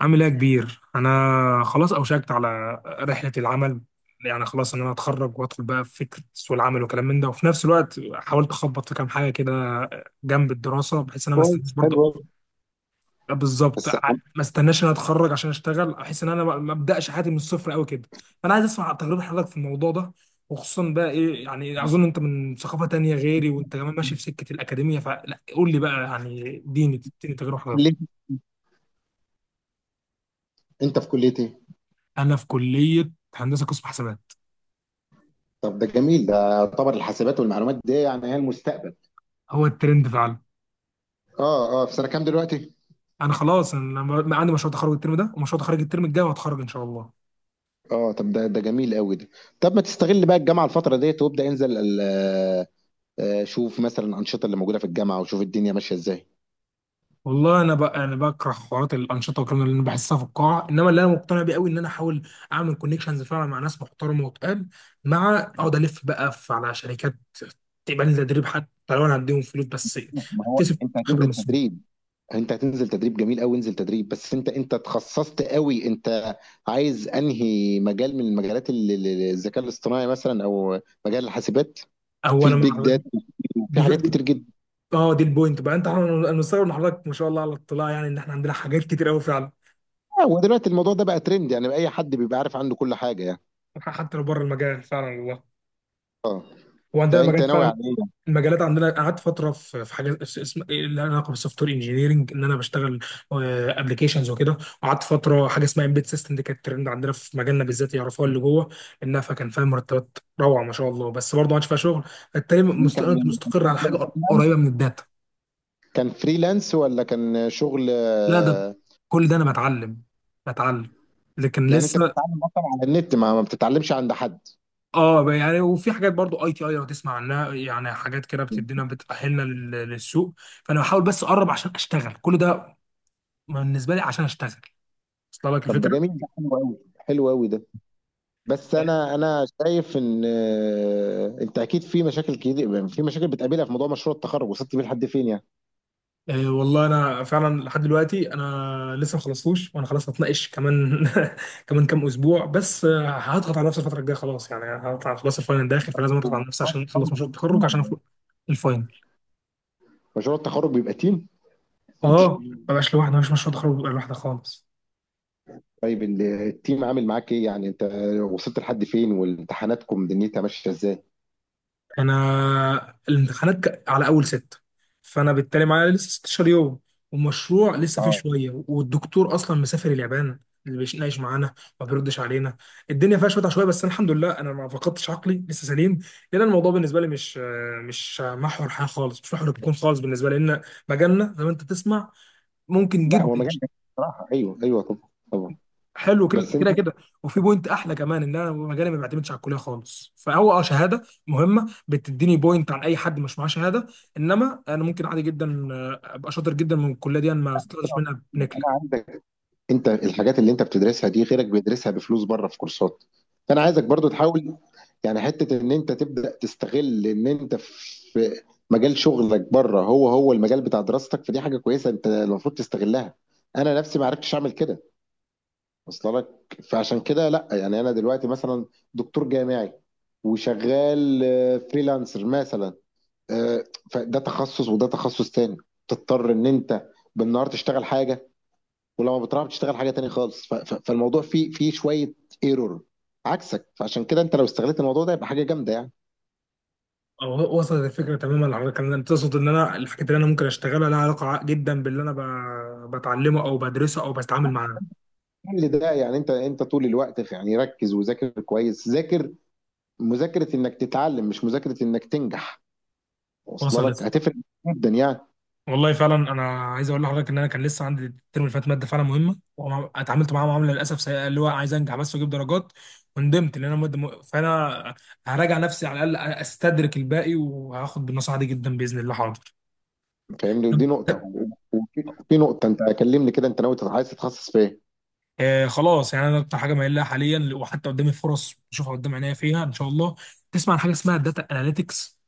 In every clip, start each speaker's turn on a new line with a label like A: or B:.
A: عامل ايه يا كبير؟ انا خلاص اوشكت على رحله العمل. يعني خلاص ان انا اتخرج وادخل بقى في فكره سوق العمل وكلام من ده، وفي نفس الوقت حاولت اخبط في كام حاجه كده جنب الدراسه، بحيث ان انا ما
B: كويس،
A: استناش
B: حلو
A: برضه.
B: أوي.
A: بالظبط،
B: بس عم-
A: ما استناش ان انا اتخرج عشان اشتغل، احس ان انا ما ابداش حياتي من الصفر قوي كده. فانا عايز اسمع تجربه حضرتك في الموضوع ده، وخصوصا بقى ايه يعني، اظن انت من ثقافه تانية غيري وانت كمان ماشي في سكه الاكاديميه، فلا قول لي بقى يعني اديني اديني تجربه
B: ليه؟
A: حضرتك.
B: انت في كليه ايه؟
A: انا في كليه هندسه قسم حسابات.
B: طب ده جميل، ده يعتبر الحاسبات والمعلومات دي يعني هي المستقبل.
A: هو الترند فعلا.
B: اه في سنه كام دلوقتي؟
A: انا خلاص، عندي مشروع تخرج الترم ده ومشروع تخرج الترم الجاي وهتخرج ان شاء الله.
B: اه، طب ده جميل قوي ده. طب ما تستغل بقى الجامعه الفتره ديت وابدا انزل شوف مثلا الانشطه اللي موجوده في الجامعه وشوف الدنيا ماشيه ازاي.
A: والله انا بقى انا بكره حوارات الانشطه والكلام اللي انا بحسها في القاعه، انما اللي انا مقتنع بيه قوي ان انا احاول اعمل كونكشنز فعلا مع ناس محترمه وتقال، مع اقعد الف بقى على شركات تقبل لي تدريب، حتى لو انا هديهم فلوس بس.
B: ما هو
A: اكتسب
B: انت
A: خبره
B: هتنزل
A: من السوق.
B: تدريب، انت هتنزل تدريب، جميل قوي، انزل تدريب. بس انت تخصصت قوي، انت عايز انهي مجال من مجالات الذكاء الاصطناعي مثلا، او مجال الحاسبات؟
A: هو
B: في
A: انا مع.
B: البيج في
A: دي ف-
B: حاجات
A: دي-
B: كتير جدا.
A: اه دي البوينت بقى، انت انا مستغرب من حضرتك، ما شاء الله على الاطلاع، يعني ان احنا عندنا حاجات كتير قوي فعلا.
B: ودلوقتي الموضوع ده بقى ترند، يعني بقى اي حد بيبقى عارف عنده كل حاجه يعني.
A: حتى لو بره المجال فعلا، والله. هو عندنا
B: فانت
A: مجال
B: ناوي
A: فعلا.
B: على ايه؟
A: المجالات عندنا قعدت فتره في حاجه اسم اللي لها علاقه بالسوفت وير انجينيرنج، ان انا بشتغل ابلكيشنز وكده. وقعدت فتره حاجه اسمها امبيد سيستم، دي كانت ترند عندنا في مجالنا بالذات يعرفوها اللي جوه انها، فكان فيها مرتبات روعه ما شاء الله، بس برضه ما عادش فيها شغل. فبالتالي،
B: يعني
A: أنت
B: كان
A: مستقر على
B: شغل،
A: حاجه قريبه من الداتا.
B: كان فريلانس ولا كان شغل؟
A: لا ده كل ده انا بتعلم، بتعلم لكن
B: يعني انت
A: لسه.
B: بتتعلم اصلا على النت، ما بتتعلمش عند حد؟
A: اه يعني، وفي حاجات برضو ITI لو تسمع عنها يعني، حاجات كده بتدينا بتأهلنا للسوق. فانا بحاول بس اقرب عشان اشتغل كل ده، ما بالنسبه لي عشان اشتغل. وصل لك
B: طب ده
A: الفكره؟
B: جميل، ده حلو قوي، حلو قوي ده. بس
A: إيه؟
B: انا شايف ان انت اكيد في مشاكل كتير، في مشاكل بتقابلها في موضوع مشروع التخرج. وصلت بيه لحد فين يعني؟
A: إيه والله انا فعلا لحد دلوقتي انا لسه ما خلصتوش، وانا خلاص هتناقش كمان كمان كام اسبوع بس. هضغط على نفسي الفتره الجايه، خلاص يعني هضغط على، خلاص الفاينل داخل فلازم اضغط
B: مشروع
A: على نفسي عشان اخلص
B: التخرج
A: مشروع
B: تيم
A: التخرج عشان
B: ولا
A: أفوق.
B: إيه؟
A: الفاينل.
B: مشروع التخرج بيبقى تيم.
A: اه، ما بقاش لوحدي، ما فيش مشروع تخرج بيبقى لوحدي خالص.
B: طيب التيم عامل معاك ايه يعني؟ انت وصلت لحد فين، وامتحاناتكم دنيتها ماشيه ازاي؟
A: انا الامتحانات على اول ستة، فانا بالتالي معايا لسه 16 يوم، والمشروع لسه فيه
B: اه.
A: شويه، والدكتور اصلا مسافر اليابان. اللي بيناقش معانا ما بيردش علينا. الدنيا فيها شويه عشوائيه، بس أنا الحمد لله انا ما فقدتش عقلي، لسه سليم. لان الموضوع بالنسبه لي مش محور حياه خالص، مش محور الكون خالص بالنسبه لي، لان مجالنا زي ما انت تسمع ممكن
B: لا، هو
A: جدا.
B: مجال جميل بصراحه، ايوه ايوه، طبعا طبعا.
A: حلو.
B: بس انت
A: كده كده، وفي بوينت احلى كمان، ان انا مجالي ما بيعتمدش على الكليه خالص، فهو شهاده مهمه بتديني بوينت عن اي حد مش معاه شهاده، انما انا ممكن عادي جدا ابقى شاطر جدا من الكليه دي، انا ما استفدتش منها بنكله.
B: انا عندك، انت الحاجات اللي انت بتدرسها دي غيرك بيدرسها بفلوس بره في كورسات، فانا عايزك برضو تحاول يعني حته ان انت تبدا تستغل ان انت في مجال شغلك بره هو هو المجال بتاع دراستك، فدي حاجه كويسه انت المفروض تستغلها. انا نفسي ما عرفتش اعمل كده، وصل لك؟ فعشان كده لا، يعني انا دلوقتي مثلا دكتور جامعي وشغال فريلانسر مثلا، آه، فده تخصص وده تخصص تاني. تضطر ان انت بالنهار تشتغل حاجه، ولما بتروح بتشتغل حاجه تاني خالص، فالموضوع فيه، فيه شويه ايرور عكسك. فعشان كده انت لو استغلت الموضوع ده يبقى حاجه جامده يعني.
A: او وصلت الفكره تماما، على كان تقصد ان انا الحاجات اللي انا ممكن اشتغلها لها علاقه جدا باللي انا بتعلمه او بدرسه او بتعامل معاه.
B: كل ده يعني، انت طول الوقت يعني ركز وذاكر كويس، ذاكر مذاكره انك تتعلم مش مذاكره انك تنجح. واصله لك؟
A: وصلت.
B: هتفرق جدا يعني.
A: والله فعلا، انا عايز اقول لحضرتك ان انا كان لسه عندي الترم اللي فات ماده فعلا مهمه، واتعاملت معاها معامله للاسف سيئه، اللي هو عايز انجح بس واجيب درجات. وندمت ان انا ماده فانا هراجع نفسي، على الاقل استدرك الباقي، وهاخد بالنصيحه دي جدا باذن الله. حاضر.
B: فاهمني؟
A: طب،
B: ودي نقطة. وفي في نقطة، أنت كلمني كده، أنت ناوي عايز تتخصص في إيه؟
A: خلاص يعني، انا اكتر حاجه مايل لها حاليا، وحتى قدامي فرص بشوفها قدام عينيا فيها ان شاء الله. تسمع عن حاجه اسمها داتا اناليتكس؟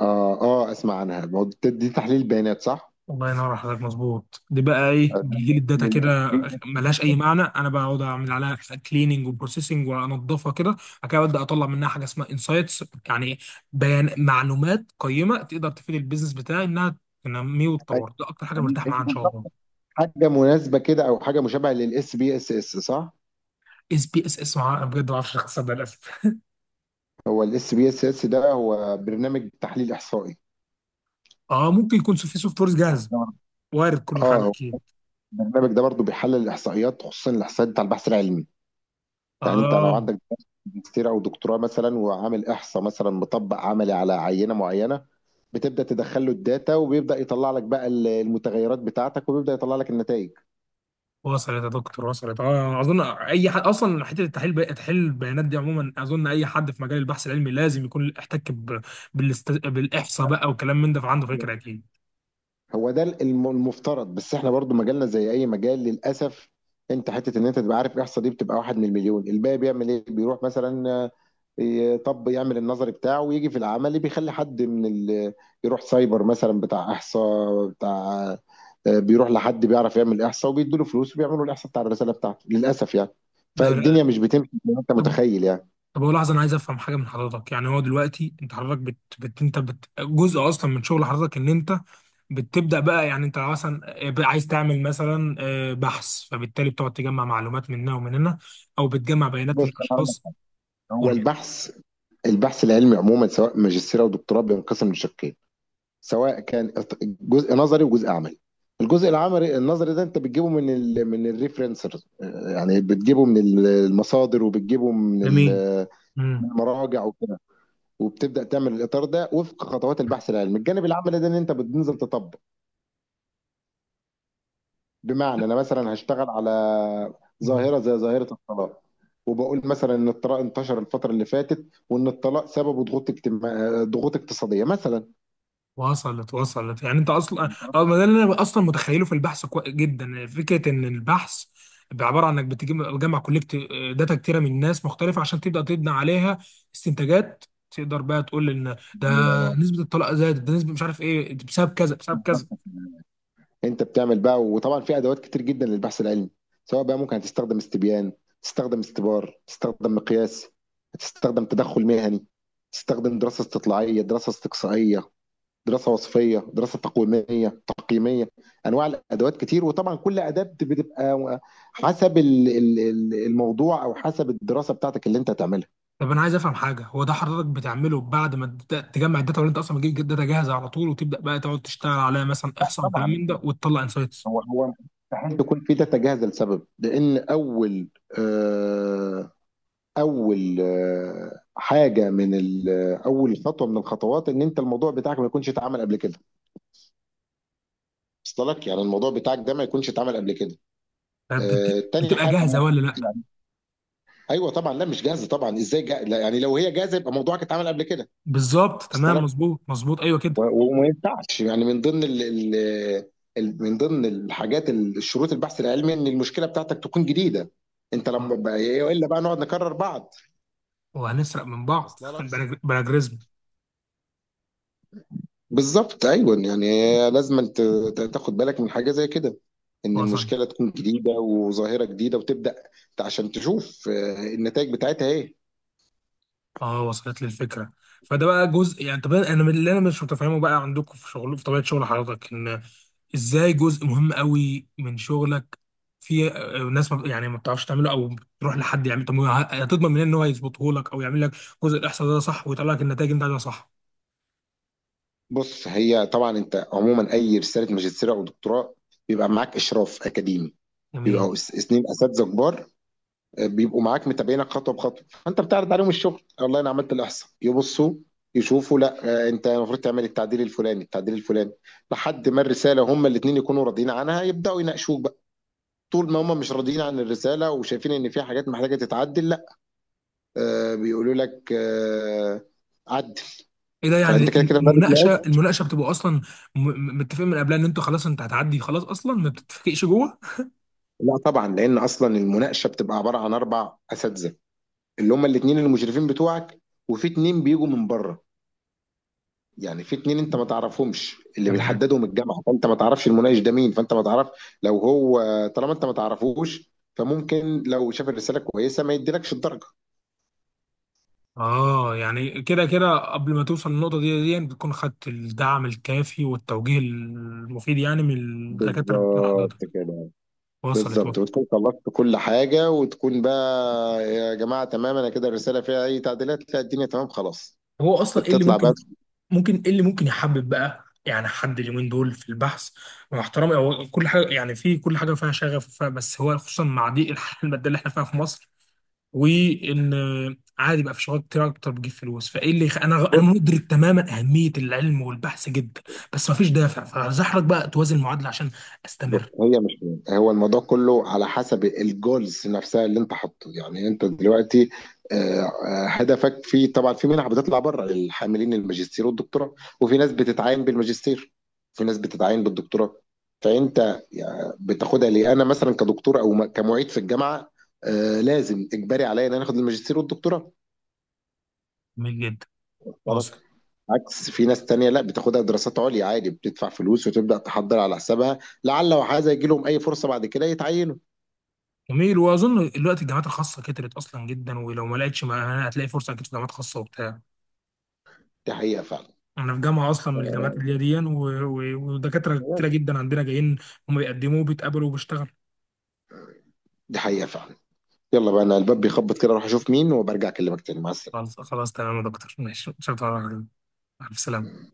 B: آه أسمع عنها، ما هو دي دي تحليل بيانات صح؟
A: الله ينور على حضرتك، مظبوط. دي بقى ايه،
B: آه، ده
A: بيجي لي
B: من
A: الداتا
B: ال
A: كده ملهاش
B: SPSS.
A: اي معنى، انا بقعد اعمل عليها كليننج وبروسيسنج وانضفها كده، بعد كده ابدا اطلع منها حاجه اسمها انسايتس، يعني بيان معلومات قيمه تقدر تفيد البيزنس بتاعي انها تنميه وتطور، ده اكتر حاجه
B: أيوه،
A: مرتاح
B: أيوه،
A: معاها ان شاء
B: بالظبط.
A: الله.
B: حاجة مناسبة كده، أو حاجة مشابهة للاس بي اس اس صح؟
A: SPSS، انا بجد ما اعرفش اختصار ده للاسف
B: هو الاس بي اس اس ده هو برنامج تحليل إحصائي.
A: اه، ممكن يكون في سوفت ويرز جاهزه.
B: نعم.
A: وارد، كل
B: آه،
A: حاجه
B: هو
A: اكيد.
B: البرنامج ده برضو بيحلل الإحصائيات، خصوصا الإحصائيات بتاع البحث العلمي. يعني أنت لو
A: اه
B: عندك ماجستير أو دكتوراه مثلا وعامل إحصاء مثلا مطبق عملي على عينة معينة، بتبدا تدخل له الداتا، وبيبدا يطلع لك بقى المتغيرات بتاعتك وبيبدا يطلع لك النتائج.
A: وصلت يا دكتور، وصلت. اه اظن اي حد اصلا حته التحليل تحليل البيانات دي عموما، اظن اي حد في مجال البحث العلمي لازم يكون احتك بالاحصاء بقى والكلام من ده، فعنده فكره اكيد.
B: هو ده المفترض، بس احنا برضو مجالنا زي اي مجال للاسف. انت حته ان انت تبقى عارف الاحصاء دي بتبقى واحد من المليون، الباقي بيعمل ايه؟ بيروح مثلا طب يعمل النظري بتاعه، ويجي في العملي بيخلي حد من ال... يروح سايبر مثلا بتاع احصاء بتاع، بيروح لحد بيعرف يعمل احصاء، وبيدوا له فلوس وبيعملوا الاحصاء بتاع الرساله بتاعته، للاسف يعني.
A: ده
B: فالدنيا مش بتمشي زي ما انت
A: طب
B: متخيل يعني.
A: طب هو لحظه، انا عايز افهم حاجه من حضرتك يعني. هو دلوقتي انت حضرتك جزء اصلا من شغل حضرتك ان انت بتبدا بقى يعني، انت مثلا بقى عايز تعمل مثلا بحث، فبالتالي بتقعد تجمع معلومات من هنا ومن هنا، او بتجمع بيانات
B: بص
A: من
B: أنا هقول لك،
A: اشخاص.
B: هو
A: قول لي.
B: البحث العلمي عموما، سواء ماجستير او دكتوراه، بينقسم لشقين، سواء كان جزء نظري وجزء عملي. الجزء العملي النظري ده انت بتجيبه من ال من الريفرنسرز، يعني بتجيبه من المصادر، وبتجيبه من
A: جميل.
B: من المراجع وكده. وبتبدا تعمل الاطار ده وفق خطوات البحث العلمي. الجانب العملي ده ان انت بتنزل تطبق، بمعنى انا مثلا هشتغل على
A: امم
B: ظاهره زي ظاهره الطلاق، وبقول مثلا ان الطلاق انتشر الفتره اللي فاتت، وان الطلاق سببه ضغوط اجتماع، ضغوط اقتصاديه مثلا.
A: وصلت وصلت، يعني انت اصلا، اه ما ده اللي انا اصلا متخيله في البحث جدا. فكره ان البحث بيبقى عباره عن انك بتجمع كولكت داتا كتيره من ناس مختلفه عشان تبدا تبني عليها استنتاجات، تقدر بقى تقول ان ده
B: أيوه،
A: نسبه الطلاق زادت، ده نسبه مش عارف ايه، ده بسبب كذا بسبب
B: بالظبط
A: كذا.
B: كده. انت بتعمل بقى، وطبعا في ادوات كتير جدا للبحث العلمي، سواء بقى ممكن هتستخدم استبيان، تستخدم استبار، تستخدم مقياس، تستخدم تدخل مهني، تستخدم دراسة استطلاعية، دراسة استقصائية، دراسة وصفية، دراسة تقويمية تقييمية. انواع الادوات كتير، وطبعا كل اداة بتبقى حسب الموضوع، او حسب الدراسة بتاعتك اللي انت هتعملها.
A: طب انا عايز افهم حاجه، هو ده حضرتك بتعمله بعد ما تبدأ تجمع الداتا، ولا انت اصلا بتجيب داتا جاهزه على طول وتبدا بقى تقعد تشتغل عليها مثلا احصاء وكلام
B: طبعا،
A: من ده وتطلع انسايتس؟
B: هو مستحيل يكون في داتا جاهزة، لسبب لان اول حاجه من اول خطوه من الخطوات، ان انت الموضوع بتاعك ما يكونش اتعمل قبل كده. وصل لك؟ يعني الموضوع بتاعك ده ما يكونش اتعمل قبل كده.
A: طب
B: آه، تاني
A: بتبقى
B: حاجه
A: جاهزه ولا لا؟
B: يعني، ايوه طبعا، لا مش جاهزه طبعا، ازاي جا... لا يعني لو هي جاهزه يبقى موضوعك اتعمل قبل كده.
A: بالظبط،
B: وصل
A: تمام،
B: لك؟
A: مظبوط مظبوط، ايوه كده.
B: و- وما ينفعش يعني، من ضمن ال... ال... من ضمن الحاجات شروط البحث العلمي ان المشكله بتاعتك تكون جديده. انت لما
A: اه،
B: بقى... الا بقى نقعد نكرر بعض.
A: وهنسرق من بعض
B: وصل لك؟
A: بلا بلا جريزمو.
B: بالظبط، ايوه يعني، لازم أنت تاخد بالك من حاجه زي كده، ان
A: وصل.
B: المشكله تكون جديده وظاهره جديده، وتبدا عشان تشوف النتائج بتاعتها ايه.
A: اه وصلت لي الفكره. فده بقى جزء يعني. طب انا من اللي انا مش متفهمه بقى عندكم في شغل في طبيعه شغل حضرتك، ان ازاي جزء مهم قوي من شغلك في ناس ما يعني ما بتعرفش تعمله او بتروح لحد يعمل. طب هتضمن منين ان هو يظبطه لك، او يعمل لك جزء الاحصاء ده صح، ويطلع لك النتائج اللي انت عايزها صح؟
B: بص، هي طبعا انت عموما اي رساله ماجستير او دكتوراه بيبقى معاك اشراف اكاديمي،
A: جميل.
B: اثنين اساتذه كبار، بيبقوا معاك متابعينك خطوه بخطوه، فانت بتعرض عليهم الشغل، والله انا عملت الاحصاء، يبصوا يشوفوا، لا انت المفروض تعمل التعديل الفلاني، التعديل الفلاني، لحد ما الرساله هما الاثنين يكونوا راضيين عنها يبداوا يناقشوك. طول ما هم مش راضيين عن الرساله وشايفين ان في حاجات محتاجه تتعدل، لا، آه بيقولوا لك آه، عدل.
A: ايه ده
B: فانت كده
A: يعني،
B: كده ما
A: المناقشه،
B: بتناقش.
A: المناقشه بتبقى اصلا متفقين من قبلها ان انتوا خلاص انت هتعدي، خلاص اصلا ما بتتفقش جوه؟
B: لا طبعا، لان اصلا المناقشه بتبقى عباره عن اربع اساتذه، اللي هم الاثنين المشرفين بتوعك، وفي اثنين بيجوا من بره، يعني في اتنين انت ما تعرفهمش، اللي
A: تمام.
B: بيحددهم الجامعه، فانت ما تعرفش المناقش ده مين، فانت ما تعرف لو هو، طالما انت ما تعرفوش فممكن لو شاف الرساله كويسه ما يديلكش الدرجه.
A: اه يعني كده كده، قبل ما توصل للنقطة دي بتكون خدت الدعم الكافي والتوجيه المفيد يعني من الدكاترة بتوع
B: بالظبط
A: حضرتك.
B: كده.
A: وصلت
B: بالظبط،
A: وصلت.
B: وتكون خلصت كل حاجة وتكون بقى، يا جماعة تمام أنا كده الرسالة فيها أي تعديلات؟ لا، الدنيا تمام خلاص.
A: هو اصلا ايه اللي
B: بتطلع بقى
A: ممكن ممكن ايه اللي ممكن يحبب بقى يعني حد اليومين دول في البحث؟ مع احترامي، هو كل حاجه يعني، في كل حاجه فيها شغف وفيها، بس هو خصوصا مع ضيق الحياه الماديه اللي احنا فيها في مصر، وان عادي بقى في شغلات كتير اكتر بتجيب فلوس، فايه اللي انا
B: بص.
A: مدرك تماما اهميه العلم والبحث جدا. بس مفيش دافع فزحرك بقى توازن المعادله عشان
B: بص،
A: استمر.
B: هي مش مهم. هو الموضوع كله على حسب الجولز نفسها اللي أنت حاطه، يعني أنت دلوقتي، آه، هدفك في، طبعا في منح بتطلع بره للحاملين الماجستير والدكتوراه، وفي ناس بتتعين بالماجستير، في ناس بتتعين بالدكتوراه، فأنت يعني بتاخدها ليه؟ أنا مثلا كدكتور أو كمعيد في الجامعة، لازم إجباري عليا إن أنا آخد الماجستير والدكتوراه.
A: جميل جدا. واظن.
B: بالك عكس، في ناس تانية لا بتاخدها دراسات عليا عادي، بتدفع فلوس وتبدأ تحضر على حسابها، لعل وحاذا يجي لهم أي فرصة بعد كده يتعينوا.
A: جميل، واظن دلوقتي الجامعات الخاصه كترت اصلا جدا، ولو ما لقيتش، ما هتلاقي فرصه اكيد في جامعات خاصه وبتاع.
B: دي حقيقة فعلا.
A: انا في جامعه اصلا من الجامعات اللي هي
B: آه،
A: دي يعني، ودكاتره كتيره جدا عندنا جايين. هم بيقدموا وبيتقابلوا وبيشتغلوا.
B: دي حقيقة فعلا. يلا بقى، أنا الباب بيخبط كده، أروح أشوف مين وبرجع أكلمك تاني. مع السلامة.
A: خلاص خلاص، تمام يا دكتور، ماشي، شكرا. على السلامه.